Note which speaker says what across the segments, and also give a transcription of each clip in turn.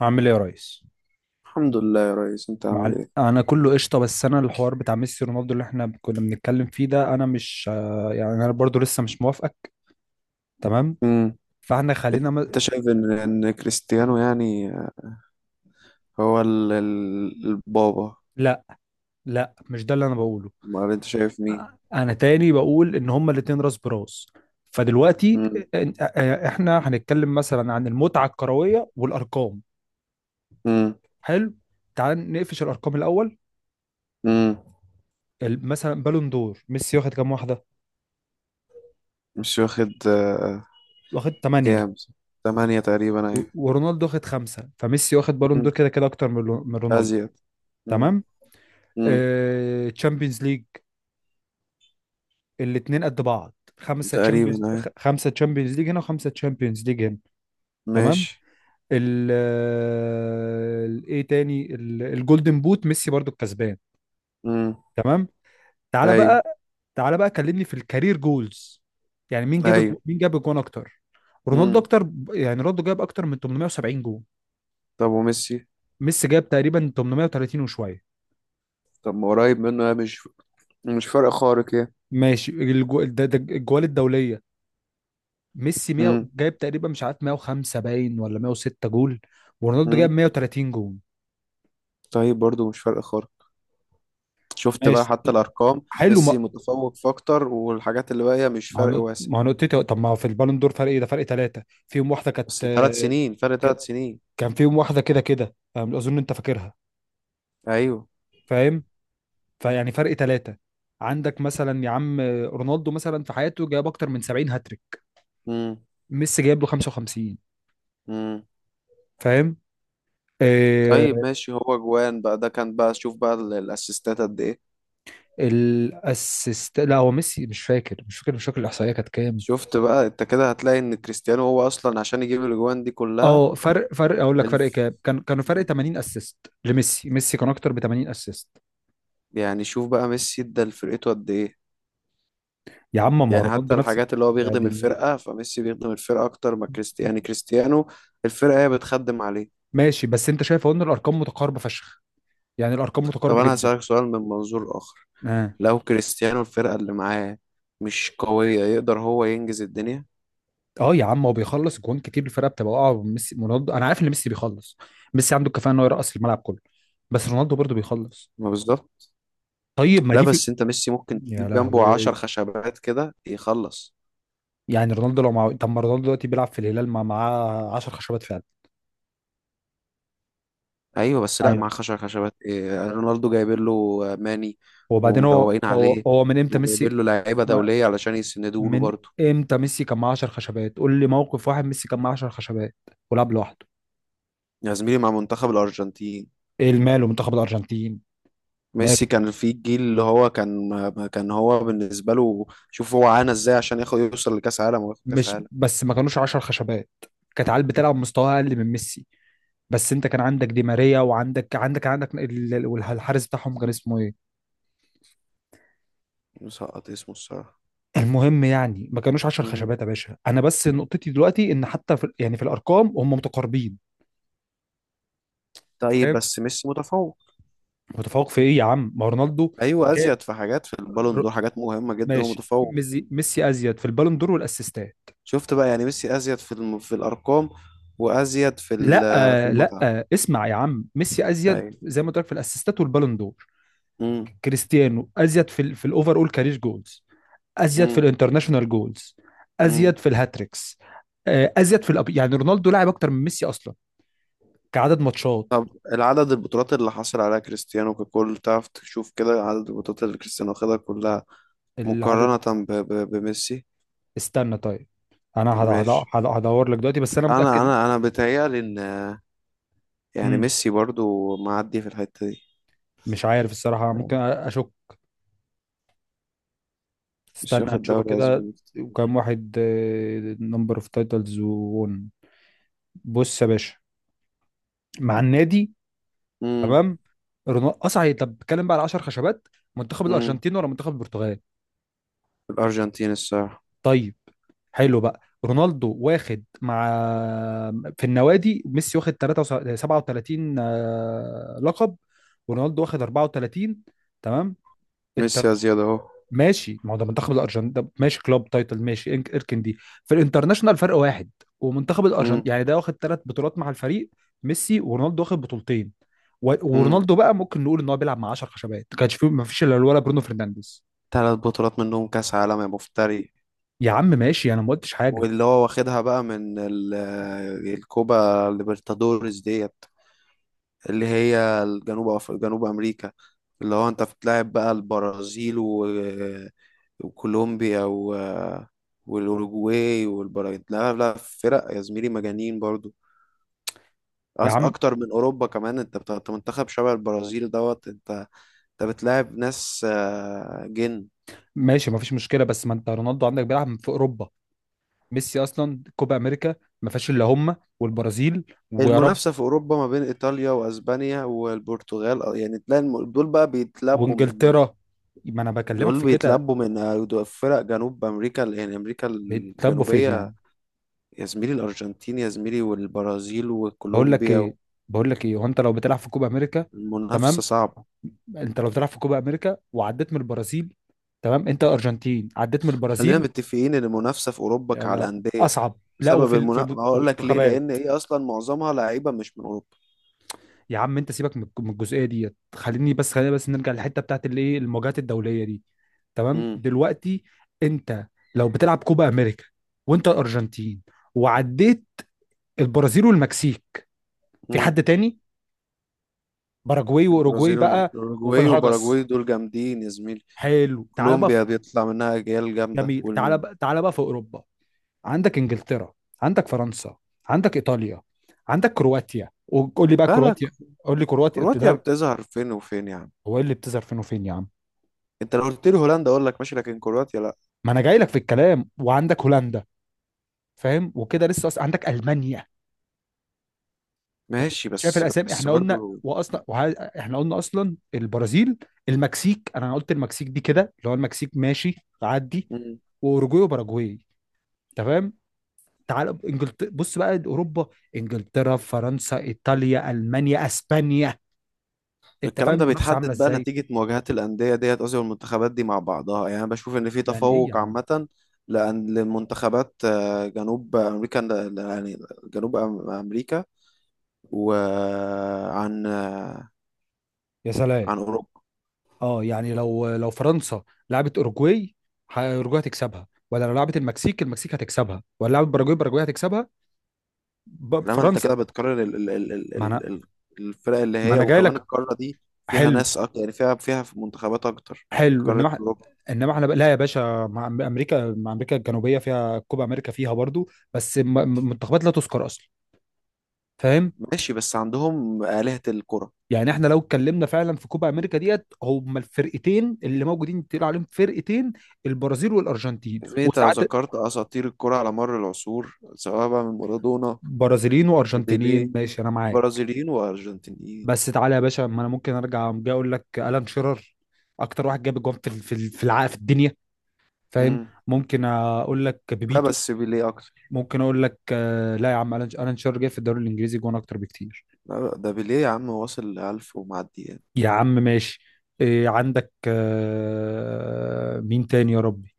Speaker 1: عامل ايه يا ريس؟
Speaker 2: الحمد لله يا ريس، انت عامل ايه؟
Speaker 1: انا كله قشطه. بس انا الحوار بتاع ميسي رونالدو اللي احنا كنا بنتكلم فيه ده انا مش، يعني انا برضو لسه مش موافقك. تمام.
Speaker 2: امم
Speaker 1: فاحنا خلينا
Speaker 2: انت
Speaker 1: م...
Speaker 2: شايف ان كريستيانو يعني هو البابا؟
Speaker 1: لا، لا، مش ده اللي انا بقوله.
Speaker 2: امال انت شايف مين؟
Speaker 1: انا تاني بقول ان هما الاتنين راس براس. فدلوقتي،
Speaker 2: امم
Speaker 1: احنا هنتكلم مثلا عن المتعه الكرويه والارقام.
Speaker 2: امم
Speaker 1: حلو. تعال نقفش الارقام الاول.
Speaker 2: امم
Speaker 1: مثلا بالون دور ميسي واخد كام واحده؟
Speaker 2: مش واخد.
Speaker 1: واخد 8.
Speaker 2: كام؟ ثمانية تقريبا اهي.
Speaker 1: ورونالدو واخد خمسة، فميسي واخد بالون
Speaker 2: امم.
Speaker 1: دور كده كده اكتر من من رونالدو.
Speaker 2: ازيد. امم.
Speaker 1: تمام.
Speaker 2: امم.
Speaker 1: تشامبيونز ليج، الاثنين قد بعض. خمسه تشامبيونز.
Speaker 2: تقريبا اهي.
Speaker 1: خمسه تشامبيونز ليج هنا وخمسه تشامبيونز ليج هنا. تمام.
Speaker 2: ماشي.
Speaker 1: ايه تاني؟ الجولدن بوت ميسي برضو الكسبان.
Speaker 2: امم.
Speaker 1: تمام. تعالى
Speaker 2: ايوه.
Speaker 1: بقى. تعالى بقى كلمني في الكارير جولز. يعني مين جاب
Speaker 2: ايوه.
Speaker 1: مين جاب الجون اكتر؟ رونالدو
Speaker 2: امم.
Speaker 1: اكتر، يعني رونالدو جاب اكتر من 870 جون.
Speaker 2: طب وميسي؟
Speaker 1: ميسي جاب تقريبا 830 وشويه.
Speaker 2: طب ما قريب منه، يا مش فرق خارق يعني.
Speaker 1: ماشي، ده الجوال الدوليه. ميسي 100
Speaker 2: امم.
Speaker 1: جايب تقريبا، مش عارف 105 باين ولا 106 جول. ورونالدو
Speaker 2: امم.
Speaker 1: جايب 130 جول.
Speaker 2: طيب، برضو مش فرق خارق. شفت بقى
Speaker 1: ماشي.
Speaker 2: حتى الارقام،
Speaker 1: حلو
Speaker 2: ميسي
Speaker 1: ما.
Speaker 2: متفوق في اكتر، والحاجات اللي باقيه مش فرق واسع.
Speaker 1: ما هو نقطتي. طب ما هو في البالون دور فرق ايه؟ ده فرق ثلاثة، فيهم واحدة كانت.
Speaker 2: بس ثلاث سنين، فرق ثلاث
Speaker 1: كانت-
Speaker 2: سنين.
Speaker 1: كان فيهم واحدة كده كده، فاهم؟ أظن أنت فاكرها.
Speaker 2: ايوه.
Speaker 1: فاهم. فيعني فرق ثلاثة. عندك مثلا يا عم رونالدو، مثلا في حياته جايب أكتر من 70 هاتريك.
Speaker 2: امم.
Speaker 1: ميسي جايب له 55.
Speaker 2: امم.
Speaker 1: فاهم.
Speaker 2: طيب
Speaker 1: آه.
Speaker 2: ماشي، هو جوان بقى ده كان بقى، شوف بقى الاسيستات قد ايه؟
Speaker 1: الاسيست، لا هو ميسي مش فاكر، مش فاكر الإحصائية كانت كام؟
Speaker 2: شفت بقى انت كده هتلاقي ان كريستيانو هو اصلا عشان يجيب الاجوان دي كلها.
Speaker 1: اه، فرق اقول لك، فرق
Speaker 2: الف...
Speaker 1: كام كانوا فرق 80 اسيست. لميسي، ميسي كان اكتر ب 80 اسيست.
Speaker 2: يعني شوف بقى ميسي ادى لفرقته قد ايه.
Speaker 1: يا عم ما هو
Speaker 2: يعني حتى
Speaker 1: رونالدو نفس
Speaker 2: الحاجات اللي هو
Speaker 1: يا
Speaker 2: بيخدم
Speaker 1: دي النيل.
Speaker 2: الفرقه، فميسي بيخدم الفرقه اكتر ما كريستيانو. يعني كريستيانو الفرقه هي بتخدم عليه.
Speaker 1: ماشي، بس انت شايف اهو ان الارقام متقاربه فشخ. يعني الارقام
Speaker 2: طب
Speaker 1: متقاربه
Speaker 2: انا
Speaker 1: جدا.
Speaker 2: هسألك سؤال من منظور اخر،
Speaker 1: اه.
Speaker 2: لو كريستيانو الفرقة اللي معاه مش قوية، يقدر هو ينجز الدنيا؟
Speaker 1: اه يا عم، هو بيخلص جوان كتير، الفرقه بتبقى واقعه. ميسي رونالدو انا عارف ان ميسي بيخلص. ميسي عنده الكفاءه ان هو يرقص الملعب كله. بس رونالدو برضه بيخلص.
Speaker 2: ما بالظبط.
Speaker 1: طيب ما
Speaker 2: لا،
Speaker 1: دي في.
Speaker 2: بس انت ميسي ممكن
Speaker 1: يا
Speaker 2: تجيب جنبه عشر
Speaker 1: لهوي.
Speaker 2: خشبات كده يخلص.
Speaker 1: يعني رونالدو لو معاه، طب ما رونالدو دلوقتي بيلعب في الهلال معاه 10 خشبات فعلا.
Speaker 2: ايوه، بس لا، مع
Speaker 1: عادي.
Speaker 2: عشر خشبات إيه، رونالدو جايبين له ماني
Speaker 1: وبعدين
Speaker 2: ومروقين
Speaker 1: هو هو
Speaker 2: عليه
Speaker 1: هو من امتى
Speaker 2: وجايبين
Speaker 1: ميسي،
Speaker 2: له لعيبة دولية علشان يسندوا له
Speaker 1: من
Speaker 2: برضه.
Speaker 1: امتى ميسي كان معاه 10 خشبات؟ قول لي موقف واحد ميسي كان معاه 10 خشبات ولعب لوحده.
Speaker 2: يا زميلي، مع منتخب الأرجنتين،
Speaker 1: ايه الماله منتخب الارجنتين؟ ماله.
Speaker 2: ميسي كان في الجيل اللي هو كان ما كان هو بالنسبة له، شوف هو عانى ازاي عشان ياخد يوصل لكأس عالم وياخد كأس
Speaker 1: مش
Speaker 2: عالم.
Speaker 1: بس ما كانوش 10 خشبات، كانت عيال بتلعب مستوى اقل من ميسي. بس انت كان عندك دي ماريا وعندك عندك عندك والحارس بتاعهم كان اسمه ايه.
Speaker 2: مسقط اسمه الصراحة.
Speaker 1: المهم يعني ما كانوش 10
Speaker 2: مم.
Speaker 1: خشبات يا باشا. انا بس نقطتي دلوقتي ان حتى في، يعني في الارقام، هم متقاربين.
Speaker 2: طيب،
Speaker 1: فاهم.
Speaker 2: بس ميسي متفوق.
Speaker 1: متفوق في ايه يا عم؟ ما رونالدو
Speaker 2: ايوه،
Speaker 1: جاب،
Speaker 2: ازيد في حاجات، في البالون
Speaker 1: ر-
Speaker 2: دور، حاجات مهمه جدا
Speaker 1: ماشي،
Speaker 2: ومتفوق.
Speaker 1: ميسي ازيد في البالون دور والاسيستات.
Speaker 2: شفت بقى يعني ميسي ازيد في الارقام، وازيد
Speaker 1: لا،
Speaker 2: في
Speaker 1: لا،
Speaker 2: المتعه.
Speaker 1: اسمع يا عم، ميسي ازيد
Speaker 2: ايوه.
Speaker 1: زي ما قلت لك في الاسيستات والبالون دور.
Speaker 2: امم.
Speaker 1: كريستيانو ازيد في في الاوفر اول كارير جولز. ازيد في
Speaker 2: امم.
Speaker 1: الانترناشونال جولز.
Speaker 2: امم.
Speaker 1: ازيد في الهاتريكس. ازيد في يعني رونالدو لاعب اكتر من ميسي اصلا، كعدد ماتشات.
Speaker 2: طب العدد، البطولات اللي حصل عليها كريستيانو ككل، تعرف تشوف كده عدد البطولات اللي كريستيانو خدها كلها
Speaker 1: العدد،
Speaker 2: مقارنه بميسي.
Speaker 1: استنى طيب، انا
Speaker 2: ماشي.
Speaker 1: هدور لك دلوقتي، بس انا
Speaker 2: انا
Speaker 1: متاكد.
Speaker 2: انا انا بيتهيألي ان يعني
Speaker 1: مم.
Speaker 2: ميسي برضو معدي في الحته دي.
Speaker 1: مش عارف الصراحه، ممكن
Speaker 2: يعني
Speaker 1: اشك.
Speaker 2: مش
Speaker 1: استنى
Speaker 2: واخد
Speaker 1: نشوفه
Speaker 2: دوري
Speaker 1: كده.
Speaker 2: اسباني كتير.
Speaker 1: وكم واحد. نمبر اوف تايتلز وون. بص يا باشا، مع النادي. تمام. رونالدو اصعي، طب بتكلم بقى على 10 خشبات، منتخب
Speaker 2: امم.
Speaker 1: الارجنتين ولا منتخب البرتغال؟
Speaker 2: الأرجنتين الصراحة.
Speaker 1: طيب. حلو بقى رونالدو واخد مع، في النوادي ميسي واخد 3 37 لقب. ورونالدو واخد 34. تمام. انت
Speaker 2: ميسي يا زياد أهو.
Speaker 1: ماشي، ما هو ده منتخب الارجنتين، ده ماشي كلوب تايتل ماشي اركن دي. في الانترناشونال فرق واحد. ومنتخب
Speaker 2: مم.
Speaker 1: الارجنتين يعني ده واخد ثلاث بطولات مع الفريق. ميسي، ورونالدو واخد بطولتين.
Speaker 2: مم.
Speaker 1: ورونالدو بقى ممكن نقول ان هو بيلعب مع 10 خشبات، ما كانش فيه، ما فيش الا ولا برونو فرنانديز.
Speaker 2: تلات بطولات منهم كأس عالم يا مفتري،
Speaker 1: يا عم ماشي، انا ما قلتش حاجه.
Speaker 2: واللي هو واخدها بقى من الكوبا ليبرتادوريس ديت، اللي هي جنوب أمريكا، اللي هو أنت بتلعب بقى البرازيل و... آه، وكولومبيا و... آه، والأوروجواي والبراغيت. لا، لا فرق يا زميلي، مجانين برضو.
Speaker 1: يا عم
Speaker 2: أكتر من أوروبا كمان، أنت بتاع، أنت منتخب شبه البرازيل دوت، أنت أنت بتلاعب ناس. آه، جن
Speaker 1: ماشي، ما فيش مشكله، بس ما انت رونالدو عندك بيلعب في اوروبا. ميسي اصلا كوبا امريكا، ما فيهاش الا هم والبرازيل، ويا رب.
Speaker 2: المنافسة في أوروبا ما بين إيطاليا وأسبانيا والبرتغال، يعني تلاقي دول بقى بيتلبوا من،
Speaker 1: وانجلترا. ما انا بكلمك
Speaker 2: دول
Speaker 1: في كده.
Speaker 2: بيتلبوا من دول فرق جنوب أمريكا، يعني أمريكا
Speaker 1: بيتلبوا فين
Speaker 2: الجنوبية.
Speaker 1: يعني؟
Speaker 2: يا زميلي، الأرجنتين يا زميلي، والبرازيل
Speaker 1: بقول لك
Speaker 2: وكولومبيا.
Speaker 1: ايه، بقول لك ايه، وانت لو بتلعب في كوبا امريكا.
Speaker 2: المنافسة
Speaker 1: تمام.
Speaker 2: صعبة.
Speaker 1: انت لو بتلعب في كوبا امريكا وعديت من البرازيل، تمام، انت ارجنتين عديت من
Speaker 2: خلينا
Speaker 1: البرازيل.
Speaker 2: متفقين إن المنافسة في أوروبا
Speaker 1: يا
Speaker 2: على
Speaker 1: لا،
Speaker 2: الأندية.
Speaker 1: اصعب لا،
Speaker 2: بسبب
Speaker 1: وفي
Speaker 2: المنافسة هقول لك ليه، لأن
Speaker 1: والمنتخبات.
Speaker 2: إيه، أصلا معظمها لعيبة مش من أوروبا.
Speaker 1: يا عم انت سيبك من من الجزئيه ديت، خليني بس، خلينا بس نرجع للحته بتاعت الايه، المواجهات الدوليه دي. تمام
Speaker 2: امم.
Speaker 1: دلوقتي، انت لو بتلعب كوبا امريكا وانت ارجنتين، وعديت البرازيل والمكسيك، في
Speaker 2: امم.
Speaker 1: حد تاني؟ باراجواي واوروجواي
Speaker 2: البرازيل
Speaker 1: بقى. وفي
Speaker 2: والأوروجواي
Speaker 1: الهجس.
Speaker 2: وباراجواي دول جامدين يا زميلي.
Speaker 1: حلو، تعال بقى.
Speaker 2: كولومبيا بيطلع منها أجيال جامدة
Speaker 1: جميل، تعال بقى تعال بقى في اوروبا. عندك انجلترا، عندك فرنسا، عندك ايطاليا، عندك كرواتيا، وقول لي بقى
Speaker 2: لا، لا،
Speaker 1: كرواتيا، قول لي كرواتيا قلت
Speaker 2: كرواتيا
Speaker 1: ده.
Speaker 2: بتظهر فين وفين يعني.
Speaker 1: هو إيه اللي بتظهر فين وفين يا عم؟
Speaker 2: انت لو قلت لي هولندا اقول لك ماشي، لكن كرواتيا لا.
Speaker 1: ما انا جاي لك في الكلام، وعندك هولندا. فاهم؟ وكده لسه أصلا عندك المانيا. فاهم؟
Speaker 2: ماشي،
Speaker 1: شايف
Speaker 2: بس
Speaker 1: الاسامي؟
Speaker 2: بس
Speaker 1: احنا قلنا
Speaker 2: برضو.
Speaker 1: واصلا احنا قلنا اصلا البرازيل، المكسيك، انا قلت المكسيك دي كده اللي هو المكسيك ماشي تعدي،
Speaker 2: مم.
Speaker 1: واوروجواي وباراجواي. تمام. تعال انجلترا، بص بقى اوروبا: انجلترا، فرنسا، ايطاليا، المانيا، اسبانيا. انت
Speaker 2: الكلام
Speaker 1: فاهم
Speaker 2: ده
Speaker 1: المنافسه عامله
Speaker 2: بيتحدد بقى
Speaker 1: ازاي؟
Speaker 2: نتيجة مواجهات الأندية ديت، قصدي والمنتخبات دي مع بعضها، يعني أنا بشوف إن في
Speaker 1: يعني ايه يا
Speaker 2: تفوق
Speaker 1: عم؟
Speaker 2: عامة لأن للمنتخبات جنوب أمريكا، يعني جنوب أمريكا، وعن
Speaker 1: يا سلام.
Speaker 2: عن أوروبا.
Speaker 1: اه يعني لو فرنسا لعبت اوروجواي، اوروجواي هتكسبها، ولا لو لعبت المكسيك المكسيك هتكسبها، ولا لعبت باراجواي باراجواي هتكسبها؟
Speaker 2: انما انت كده
Speaker 1: فرنسا.
Speaker 2: بتكرر ال ال ال ال
Speaker 1: ما
Speaker 2: ال
Speaker 1: انا،
Speaker 2: ال- الفرق اللي
Speaker 1: ما
Speaker 2: هي،
Speaker 1: انا جاي
Speaker 2: وكمان
Speaker 1: لك.
Speaker 2: القاره دي فيها
Speaker 1: حلو.
Speaker 2: ناس اكتر، يعني فيها منتخبات اكتر.
Speaker 1: حلو،
Speaker 2: قاره
Speaker 1: انما
Speaker 2: اوروبا.
Speaker 1: لا يا باشا، مع امريكا، مع امريكا الجنوبيه فيها كوبا امريكا، فيها برضو بس منتخبات لا تذكر اصلا. فاهم.
Speaker 2: ماشي، بس عندهم آلهة الكرة.
Speaker 1: يعني احنا لو اتكلمنا فعلا في كوبا امريكا ديت، هما الفرقتين اللي موجودين تقول عليهم فرقتين، البرازيل والارجنتين،
Speaker 2: يا زميلي، انت لو
Speaker 1: وساعات
Speaker 2: ذكرت اساطير الكرة على مر العصور، سواء بقى من مارادونا
Speaker 1: برازيليين وارجنتينيين.
Speaker 2: لبيليه،
Speaker 1: ماشي انا معاك.
Speaker 2: برازيليين وارجنتينيين.
Speaker 1: بس تعالى يا باشا، ما انا ممكن ارجع جاي اقول لك الان شيرر اكتر واحد جاب جوان في ال- في ال- في الع- في الدنيا. فاهم.
Speaker 2: امم.
Speaker 1: ممكن اقول لك
Speaker 2: لا
Speaker 1: بيبيتو.
Speaker 2: بس بيليه اكتر.
Speaker 1: ممكن اقول لك لا يا عم، الان شيرر جاي في الدوري الانجليزي جوان اكتر بكتير.
Speaker 2: لا، ده بيليه يا عم، واصل 1000 ومعدي يعني.
Speaker 1: يا عم ماشي. إيه عندك مين تاني يا ربي؟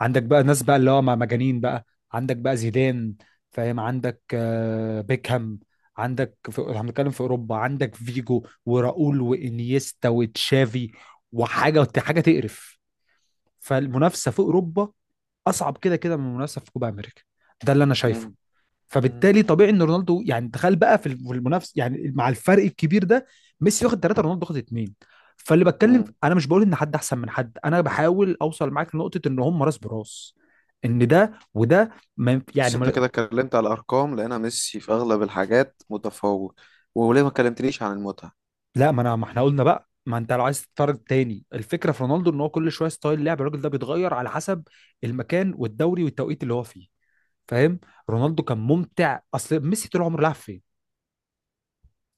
Speaker 1: عندك بقى ناس بقى اللي هو مع مجانين بقى. عندك بقى زيدان. فاهم؟ عندك بيكهام. عندك احنا بنتكلم في اوروبا، عندك فيجو وراؤول وانيستا وتشافي، وحاجه حاجه تقرف. فالمنافسه في اوروبا اصعب كده كده من المنافسه في كوبا امريكا، ده اللي انا شايفه.
Speaker 2: امم.
Speaker 1: فبالتالي طبيعي ان رونالدو، يعني تخيل بقى في المنافس، يعني مع الفرق الكبير ده، ميسي واخد ثلاثه رونالدو واخد اثنين. فاللي بتكلم
Speaker 2: امم.
Speaker 1: انا مش بقول ان حد احسن من حد، انا بحاول اوصل معاك لنقطه ان هم راس براس، ان ده وده. ما ينف-
Speaker 2: بس
Speaker 1: يعني
Speaker 2: انت
Speaker 1: ما،
Speaker 2: كده اتكلمت على الارقام، لقينا ميسي في اغلب الحاجات متفوق، وليه ما كلمتنيش عن المتعه؟
Speaker 1: لا، ما احنا قلنا بقى، ما انت لو عايز تتفرج تاني، الفكره في رونالدو ان هو كل شويه ستايل لعب الراجل ده بيتغير على حسب المكان والدوري والتوقيت اللي هو فيه. فاهم. رونالدو كان ممتع، اصل ميسي طول عمره لعب فين؟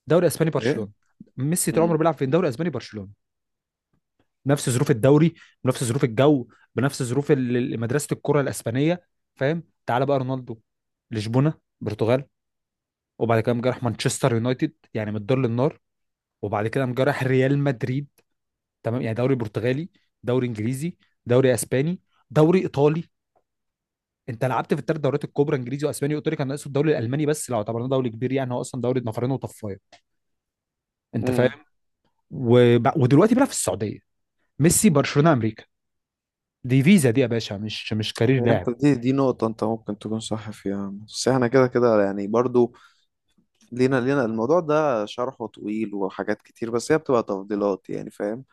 Speaker 1: دوري اسباني،
Speaker 2: ايه.
Speaker 1: برشلونه. ميسي طول عمره
Speaker 2: امم.
Speaker 1: بيلعب فين؟ دوري اسباني، برشلونه، بنفس ظروف الدوري، بنفس ظروف الجو، بنفس ظروف مدرسه الكره الاسبانيه. فاهم؟ تعال بقى رونالدو، لشبونه، برتغال، وبعد كده قام جراح مانشستر يونايتد، يعني من الدار للنار. وبعد كده قام جراح ريال مدريد. تمام يعني دوري برتغالي، دوري انجليزي، دوري اسباني، دوري ايطالي. انت لعبت في الثلاث دوريات الكبرى، انجليزي واسباني وايطالي، كان ناقصه الدوري الالماني، بس لو اعتبرناه دوري كبير، يعني هو اصلا دوري نفرين وطفايه. انت
Speaker 2: امم.
Speaker 1: فاهم؟ ودلوقتي بقى في السعوديه. ميسي، برشلونه، امريكا، دي فيزا دي يا باشا، مش كارير لاعب.
Speaker 2: انت دي نقطه انت ممكن تكون صح فيها، بس احنا كده كده يعني برضو لينا. الموضوع ده شرحه طويل وحاجات كتير، بس هي بتبقى تفضيلات يعني، فاهم؟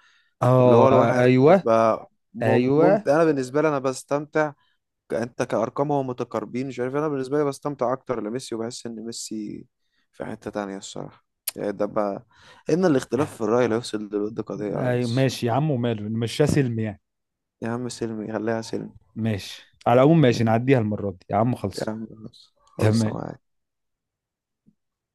Speaker 2: اللي هو
Speaker 1: اه
Speaker 2: الواحد
Speaker 1: ايوه.
Speaker 2: بيبقى
Speaker 1: ايوه.
Speaker 2: ممتع. انا بالنسبه لي انا بستمتع، انت كارقام هو متقاربين مش عارف، انا بالنسبه لي بستمتع اكتر لميسي وبحس ان ميسي في حته تانية الصراحه. يعني ده بقى، ان الاختلاف في الراي لا يفسد للود قضيه يا
Speaker 1: ايوه
Speaker 2: ريس.
Speaker 1: ماشي يا عم، وماله نمشيها سلم يعني.
Speaker 2: يا عم سلمي خليها سلمي.
Speaker 1: ماشي، على العموم
Speaker 2: يا
Speaker 1: ماشي، نعديها المرة دي يا عم، خلص.
Speaker 2: عم خلاص، خلص
Speaker 1: تمام.
Speaker 2: معاك.